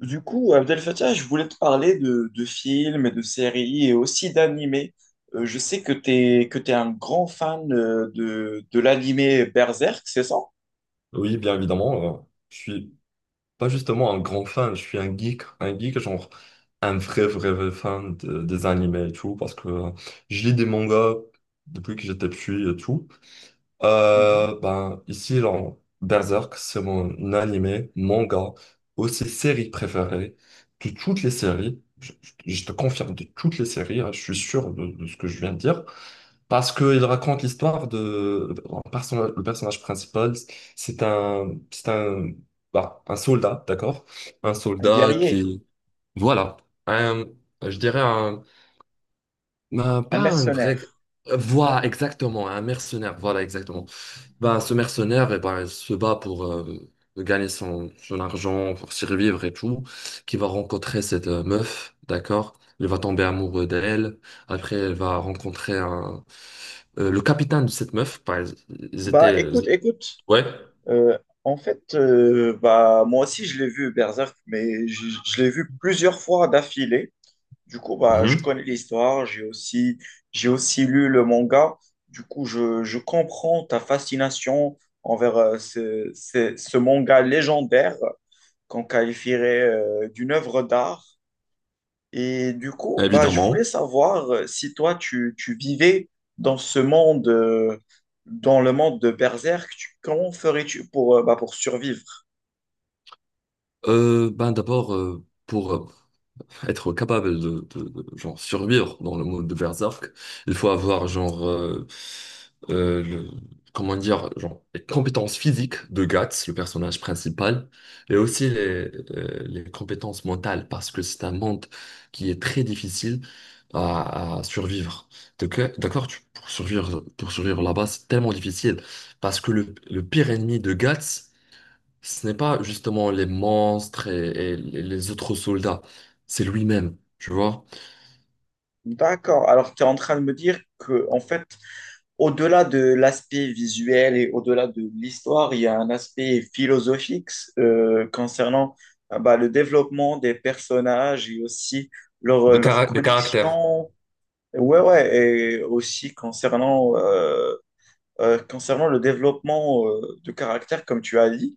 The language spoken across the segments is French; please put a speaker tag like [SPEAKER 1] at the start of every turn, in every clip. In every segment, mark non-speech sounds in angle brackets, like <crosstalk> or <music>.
[SPEAKER 1] Du coup, Abdel Fattah, je voulais te parler de films et de séries et aussi d'animés. Je sais que tu un grand fan de l'animé Berserk, c'est ça?
[SPEAKER 2] Oui, bien évidemment. Je suis pas justement un grand fan, je suis un geek genre un vrai fan des animés et tout parce que je lis des mangas depuis que j'étais petit et tout.
[SPEAKER 1] Mhm.
[SPEAKER 2] Ici, dans Berserk, c'est mon animé, manga, aussi série préférée de toutes les séries. Je te confirme de toutes les séries, hein, je suis sûr de ce que je viens de dire. Parce qu'il raconte l'histoire de... Le personnage principal, c'est un, bah, un soldat, d'accord? Un
[SPEAKER 1] Un
[SPEAKER 2] soldat
[SPEAKER 1] guerrier,
[SPEAKER 2] qui... Voilà. Un- je dirais un...
[SPEAKER 1] un
[SPEAKER 2] pas un vrai...
[SPEAKER 1] mercenaire.
[SPEAKER 2] Voilà, exactement, un mercenaire, voilà, exactement. Bah, ce mercenaire, eh ben, il se bat pour gagner son argent, pour survivre et tout, qui va rencontrer cette meuf, d'accord? Il va tomber amoureux d'elle. Après, elle va rencontrer le capitaine de cette meuf. Ils
[SPEAKER 1] Bah
[SPEAKER 2] étaient...
[SPEAKER 1] écoute, écoute,
[SPEAKER 2] Ouais,
[SPEAKER 1] Euh, en fait, bah, moi aussi, je l'ai vu, Berserk, mais je l'ai vu plusieurs fois d'affilée. Du coup, bah, je
[SPEAKER 2] mhm,
[SPEAKER 1] connais l'histoire, j'ai aussi lu le manga. Du coup, je comprends ta fascination envers ce manga légendaire qu'on qualifierait d'une œuvre d'art. Et du coup, bah, je voulais
[SPEAKER 2] évidemment.
[SPEAKER 1] savoir si toi, tu vivais dans ce monde, dans le monde de Berserk, comment ferais-tu pour, bah, pour survivre?
[SPEAKER 2] Ben d'abord, pour être capable de, genre, survivre dans le monde de Berserk, il faut avoir, genre, euh, le- comment dire, genre, les compétences physiques de Guts, le personnage principal, et aussi les compétences mentales, parce que c'est un monde qui est très difficile à survivre. Donc, d'accord, pour survivre là-bas, c'est tellement difficile, parce que le pire ennemi de Guts, ce n'est pas justement les monstres et les autres soldats, c'est lui-même, tu vois.
[SPEAKER 1] D'accord. Alors, tu es en train de me dire que, en fait, au-delà de l'aspect visuel et au-delà de l'histoire, il y a un aspect philosophique concernant bah, le développement des personnages et aussi
[SPEAKER 2] De,
[SPEAKER 1] leur
[SPEAKER 2] de caractère.
[SPEAKER 1] connexion. Ouais, ouais, et aussi concernant concernant le développement de caractère, comme tu as dit,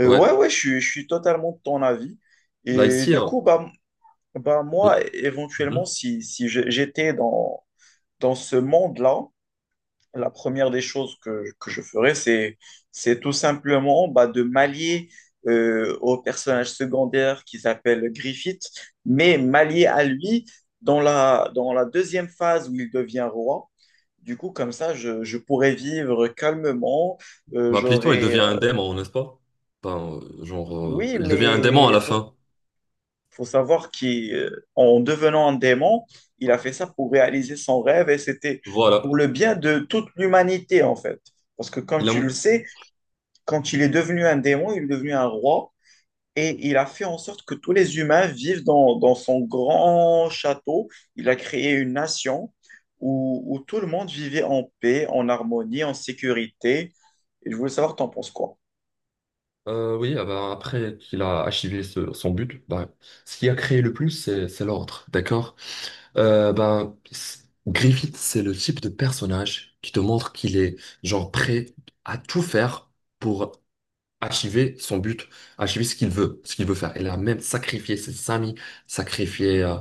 [SPEAKER 2] Ouais,
[SPEAKER 1] ouais, ouais, je suis totalement de ton avis.
[SPEAKER 2] là
[SPEAKER 1] Et
[SPEAKER 2] ici,
[SPEAKER 1] du
[SPEAKER 2] hein,
[SPEAKER 1] coup, bah, bah
[SPEAKER 2] là-
[SPEAKER 1] moi, éventuellement,
[SPEAKER 2] mhm,
[SPEAKER 1] si, si je- j'étais dans ce monde-là, la première des choses que je ferais, c'est tout simplement bah, de m'allier au personnage secondaire qui s'appelle Griffith, mais m'allier à lui dans la deuxième phase où il devient roi. Du coup, comme ça, je pourrais vivre calmement.
[SPEAKER 2] bah plutôt il
[SPEAKER 1] J'aurais.
[SPEAKER 2] devient un démon, n'est-ce pas? Enfin,
[SPEAKER 1] Oui,
[SPEAKER 2] il devient un démon à la fin.
[SPEAKER 1] faut savoir qu'en devenant un démon, il a fait ça pour réaliser son rêve et c'était
[SPEAKER 2] Voilà.
[SPEAKER 1] pour le bien de toute l'humanité, en fait. Parce que, comme
[SPEAKER 2] Il a,
[SPEAKER 1] tu le sais, quand il est devenu un démon, il est devenu un roi. Et il a fait en sorte que tous les humains vivent dans son grand château. Il a créé une nation où tout le monde vivait en paix, en harmonie, en sécurité. Et je voulais savoir, t'en penses quoi?
[SPEAKER 2] oui, ah bah, après qu'il a achevé son but, bah, ce qui a créé le plus, c'est l'ordre, d'accord? Euh, bah, c- Griffith, c'est le type de personnage qui te montre qu'il est genre prêt à tout faire pour achiver son but, achiver ce qu'il veut faire. Elle a même sacrifié ses amis, sacrifié euh,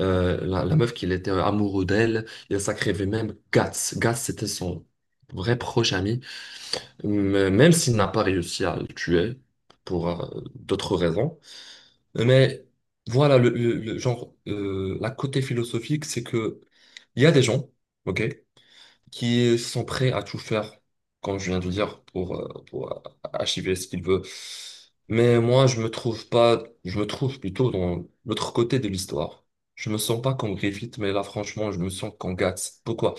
[SPEAKER 2] euh, la, la meuf qu'il était amoureux d'elle, il a sacrifié même Guts. Guts, c'était son vrai proche ami, mais même s'il n'a pas réussi à le tuer pour d'autres raisons. Mais voilà, le genre, la côté philosophique, c'est que il y a des gens, ok, qui sont prêts à tout faire, comme je viens de dire, pour, achever ce qu'il veut. Mais moi, je me trouve pas, je me trouve plutôt dans l'autre côté de l'histoire. Je me sens pas comme Griffith, mais là, franchement, je me sens comme Guts. Pourquoi?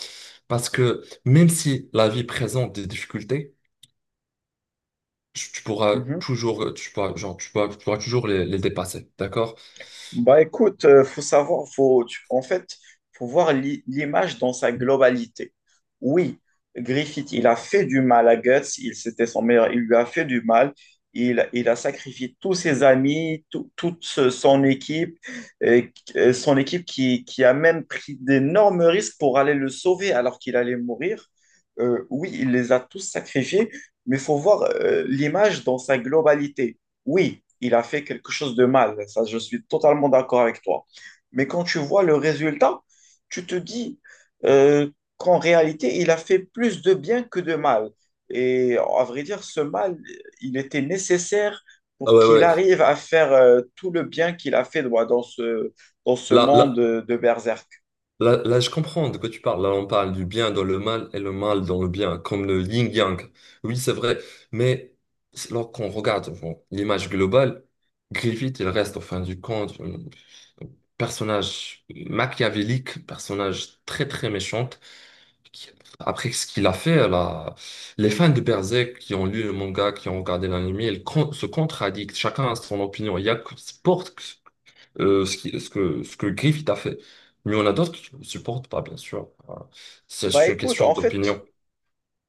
[SPEAKER 2] Parce que même si la vie présente des difficultés, tu pourras toujours, tu pourras, genre, tu pourras toujours les dépasser, d'accord?
[SPEAKER 1] Bah écoute, faut savoir, faut, tu- en fait, faut voir l'image dans sa globalité. Oui, Griffith, il a fait du mal à Guts, il c'était son meilleur, il lui a fait du mal, il a sacrifié tous ses amis, son équipe, et, son équipe qui a même pris d'énormes risques pour aller le sauver alors qu'il allait mourir. Oui, il les a tous sacrifiés, mais faut voir l'image dans sa globalité oui, il a fait quelque chose de mal, ça je suis totalement d'accord avec toi. Mais quand tu vois le résultat, tu te dis euh, qu'en réalité, il a fait plus de bien que de mal. Et à vrai dire, ce mal, il était nécessaire
[SPEAKER 2] Ah
[SPEAKER 1] pour
[SPEAKER 2] ouais,
[SPEAKER 1] qu'il
[SPEAKER 2] ouais.
[SPEAKER 1] arrive à faire tout le bien qu'il a fait voilà, dans ce
[SPEAKER 2] Là,
[SPEAKER 1] monde
[SPEAKER 2] là,
[SPEAKER 1] de Berserk.
[SPEAKER 2] là, je comprends de quoi tu parles. Là, on parle du bien dans le mal et le mal dans le bien, comme le yin-yang. Oui, c'est vrai. Mais lorsqu'on regarde bon, l'image globale, Griffith, il reste, en fin du compte, un personnage machiavélique, personnage très, très méchant. qui- Après ce qu'il a fait, là, les fans de Berserk qui ont lu le manga, qui ont regardé l'anime, se contradictent. Chacun a son opinion. Il y a que Sport ce que Griffith a fait. Mais il y en a d'autres qui ne supportent pas, bien sûr. Voilà. C'est
[SPEAKER 1] Bah
[SPEAKER 2] une
[SPEAKER 1] écoute,
[SPEAKER 2] question
[SPEAKER 1] en fait,
[SPEAKER 2] d'opinion.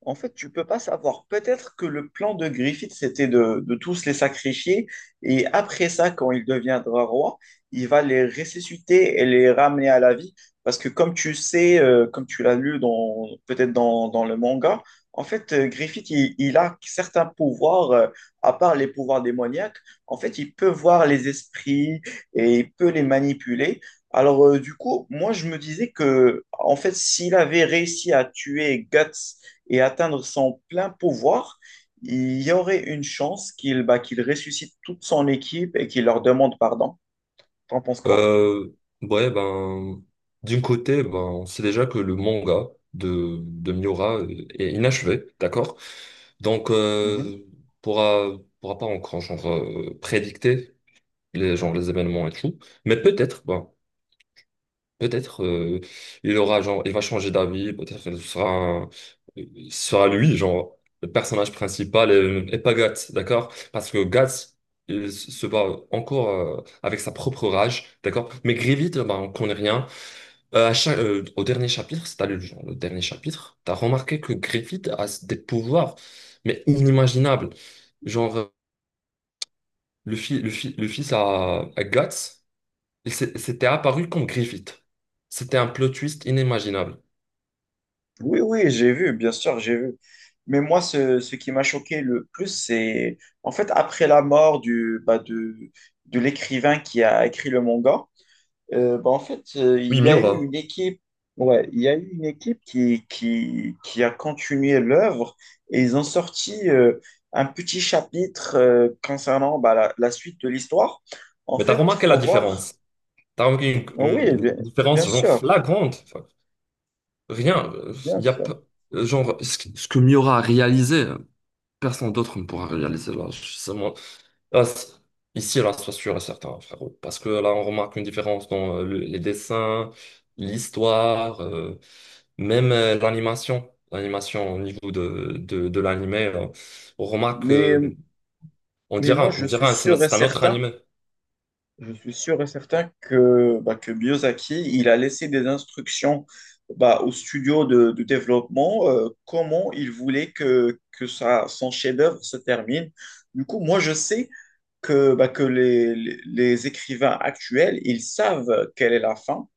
[SPEAKER 1] En fait, tu peux pas savoir. Peut-être que le plan de Griffith, c'était de tous les sacrifier, et après ça, quand il deviendra roi, il va les ressusciter et les ramener à la vie. Parce que comme tu sais, comme tu l'as lu dans, peut-être dans le manga, en fait, Griffith, il a certains pouvoirs, à part les pouvoirs démoniaques. En fait, il peut voir les esprits et il peut les manipuler. Alors, du coup, moi, je me disais que, en fait, s'il avait réussi à tuer Guts, et atteindre son plein pouvoir, il y aurait une chance qu'il bah, qu'il ressuscite toute son équipe et qu'il leur demande pardon. T'en penses quoi?
[SPEAKER 2] Euh, ouais, ben, D'un côté, ben, on sait déjà que le manga de Miura est inachevé, d'accord? Donc,
[SPEAKER 1] Mhm.
[SPEAKER 2] pourra, pourra pas encore prédicter les événements et tout. Mais peut-être il aura genre il va changer d'avis, peut-être il sera lui genre le personnage principal et pas Guts, d'accord? Parce que Guts se bat encore avec sa propre rage, d'accord? Mais Grievous, bah, on connaît rien. Au dernier chapitre, si t'as lu genre, le dernier chapitre, t'as remarqué que Griffith a des pouvoirs mais inimaginables. Genre euh, le fils le fils à Guts, s'était apparu comme Griffith. C'était un plot twist inimaginable.
[SPEAKER 1] Oui, oui, j'ai vu, bien sûr, j'ai vu. Mais moi, ce qui m'a choqué le plus, c'est en fait après la mort de de l'écrivain qui a écrit le manga, il
[SPEAKER 2] Oui,
[SPEAKER 1] y a eu
[SPEAKER 2] Miura.
[SPEAKER 1] une équipe, ouais, il y a eu une équipe qui a continué l'œuvre et ils ont sorti un petit chapitre concernant bah, la suite de l'histoire. En
[SPEAKER 2] Mais t'as
[SPEAKER 1] fait,
[SPEAKER 2] remarqué la
[SPEAKER 1] faut voir.
[SPEAKER 2] différence? T'as remarqué
[SPEAKER 1] Oui, bien,
[SPEAKER 2] une
[SPEAKER 1] bien
[SPEAKER 2] différence genre
[SPEAKER 1] sûr,
[SPEAKER 2] flagrante. Enfin, rien.
[SPEAKER 1] bien
[SPEAKER 2] Il y a
[SPEAKER 1] sûr.
[SPEAKER 2] pas- Genre ce que Miura a réalisé, personne d'autre ne pourra réaliser là. Je- c'est moi- là, c'est- Ici, là, sois sûr et certain, frérot. Parce que là, on remarque une différence dans les dessins, l'histoire, même l'animation. L'animation au niveau de l'animé, là. on remarque,
[SPEAKER 1] Mais,
[SPEAKER 2] euh, on
[SPEAKER 1] mais moi,
[SPEAKER 2] dira,
[SPEAKER 1] je
[SPEAKER 2] on
[SPEAKER 1] suis
[SPEAKER 2] dira, c'est no-
[SPEAKER 1] sûr et
[SPEAKER 2] c'est un autre
[SPEAKER 1] certain
[SPEAKER 2] animé.
[SPEAKER 1] Je suis sûr et certain que, bah, que Miyazaki, il a laissé des instructions bah, au studio de développement comment il voulait que son chef-d'œuvre se termine. Du coup, moi, je sais que, bah, que les écrivains actuels, ils savent quelle est la fin.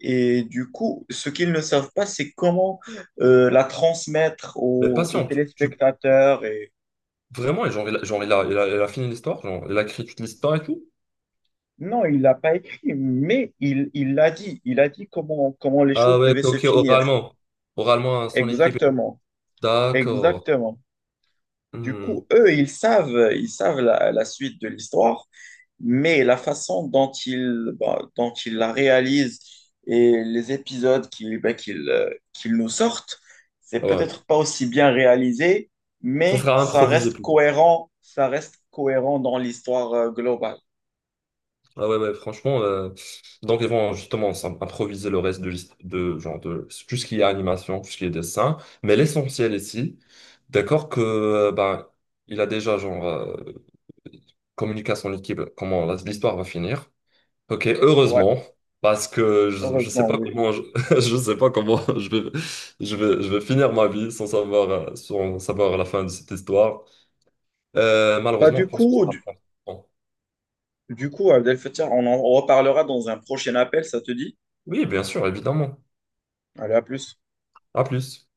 [SPEAKER 1] Et du coup, ce qu'ils ne savent pas, c'est comment la transmettre
[SPEAKER 2] Mais
[SPEAKER 1] aux
[SPEAKER 2] patiente.
[SPEAKER 1] téléspectateurs.
[SPEAKER 2] Vraiment, et il a fini l'histoire, genre, il a écrit toute l'histoire et tout.
[SPEAKER 1] Non, il l'a pas écrit, mais il l'a dit. Il a dit comment les
[SPEAKER 2] Ah
[SPEAKER 1] choses
[SPEAKER 2] ouais,
[SPEAKER 1] devaient
[SPEAKER 2] ok,
[SPEAKER 1] se
[SPEAKER 2] ok,
[SPEAKER 1] finir.
[SPEAKER 2] oralement. Oralement à son équipe et tout.
[SPEAKER 1] Exactement,
[SPEAKER 2] D'accord.
[SPEAKER 1] exactement. Du
[SPEAKER 2] Hmm,
[SPEAKER 1] coup, eux, ils savent la suite de l'histoire, mais la façon dont ils, bah, dont ils la réalisent et les épisodes qu'ils bah, qu'ils nous sortent, c'est
[SPEAKER 2] ah ouais.
[SPEAKER 1] peut-être pas aussi bien réalisé,
[SPEAKER 2] Ça
[SPEAKER 1] mais
[SPEAKER 2] sera improvisé plutôt.
[SPEAKER 1] ça reste cohérent dans l'histoire globale.
[SPEAKER 2] Ah ouais, ouais, franchement. Donc ils vont justement improviser le reste de, de genre de tout ce qui est animation, tout ce qui est dessin. Mais l'essentiel ici, d'accord, il a déjà communiqué à son équipe comment l'histoire va finir. Ok,
[SPEAKER 1] Ouais,
[SPEAKER 2] heureusement, parce que je sais
[SPEAKER 1] heureusement,
[SPEAKER 2] pas
[SPEAKER 1] oui.
[SPEAKER 2] comment je, <laughs> je sais pas comment <laughs> je vais finir ma vie sans savoir sans savoir la fin de cette histoire.
[SPEAKER 1] Bah,
[SPEAKER 2] Malheureusement, je
[SPEAKER 1] du
[SPEAKER 2] pense que ça
[SPEAKER 1] coup,
[SPEAKER 2] va prendre.
[SPEAKER 1] Du coup, Abdel Fattah, on en reparlera dans un prochain appel, ça te dit?
[SPEAKER 2] Oui, bien sûr, évidemment.
[SPEAKER 1] Allez, à plus.
[SPEAKER 2] À plus.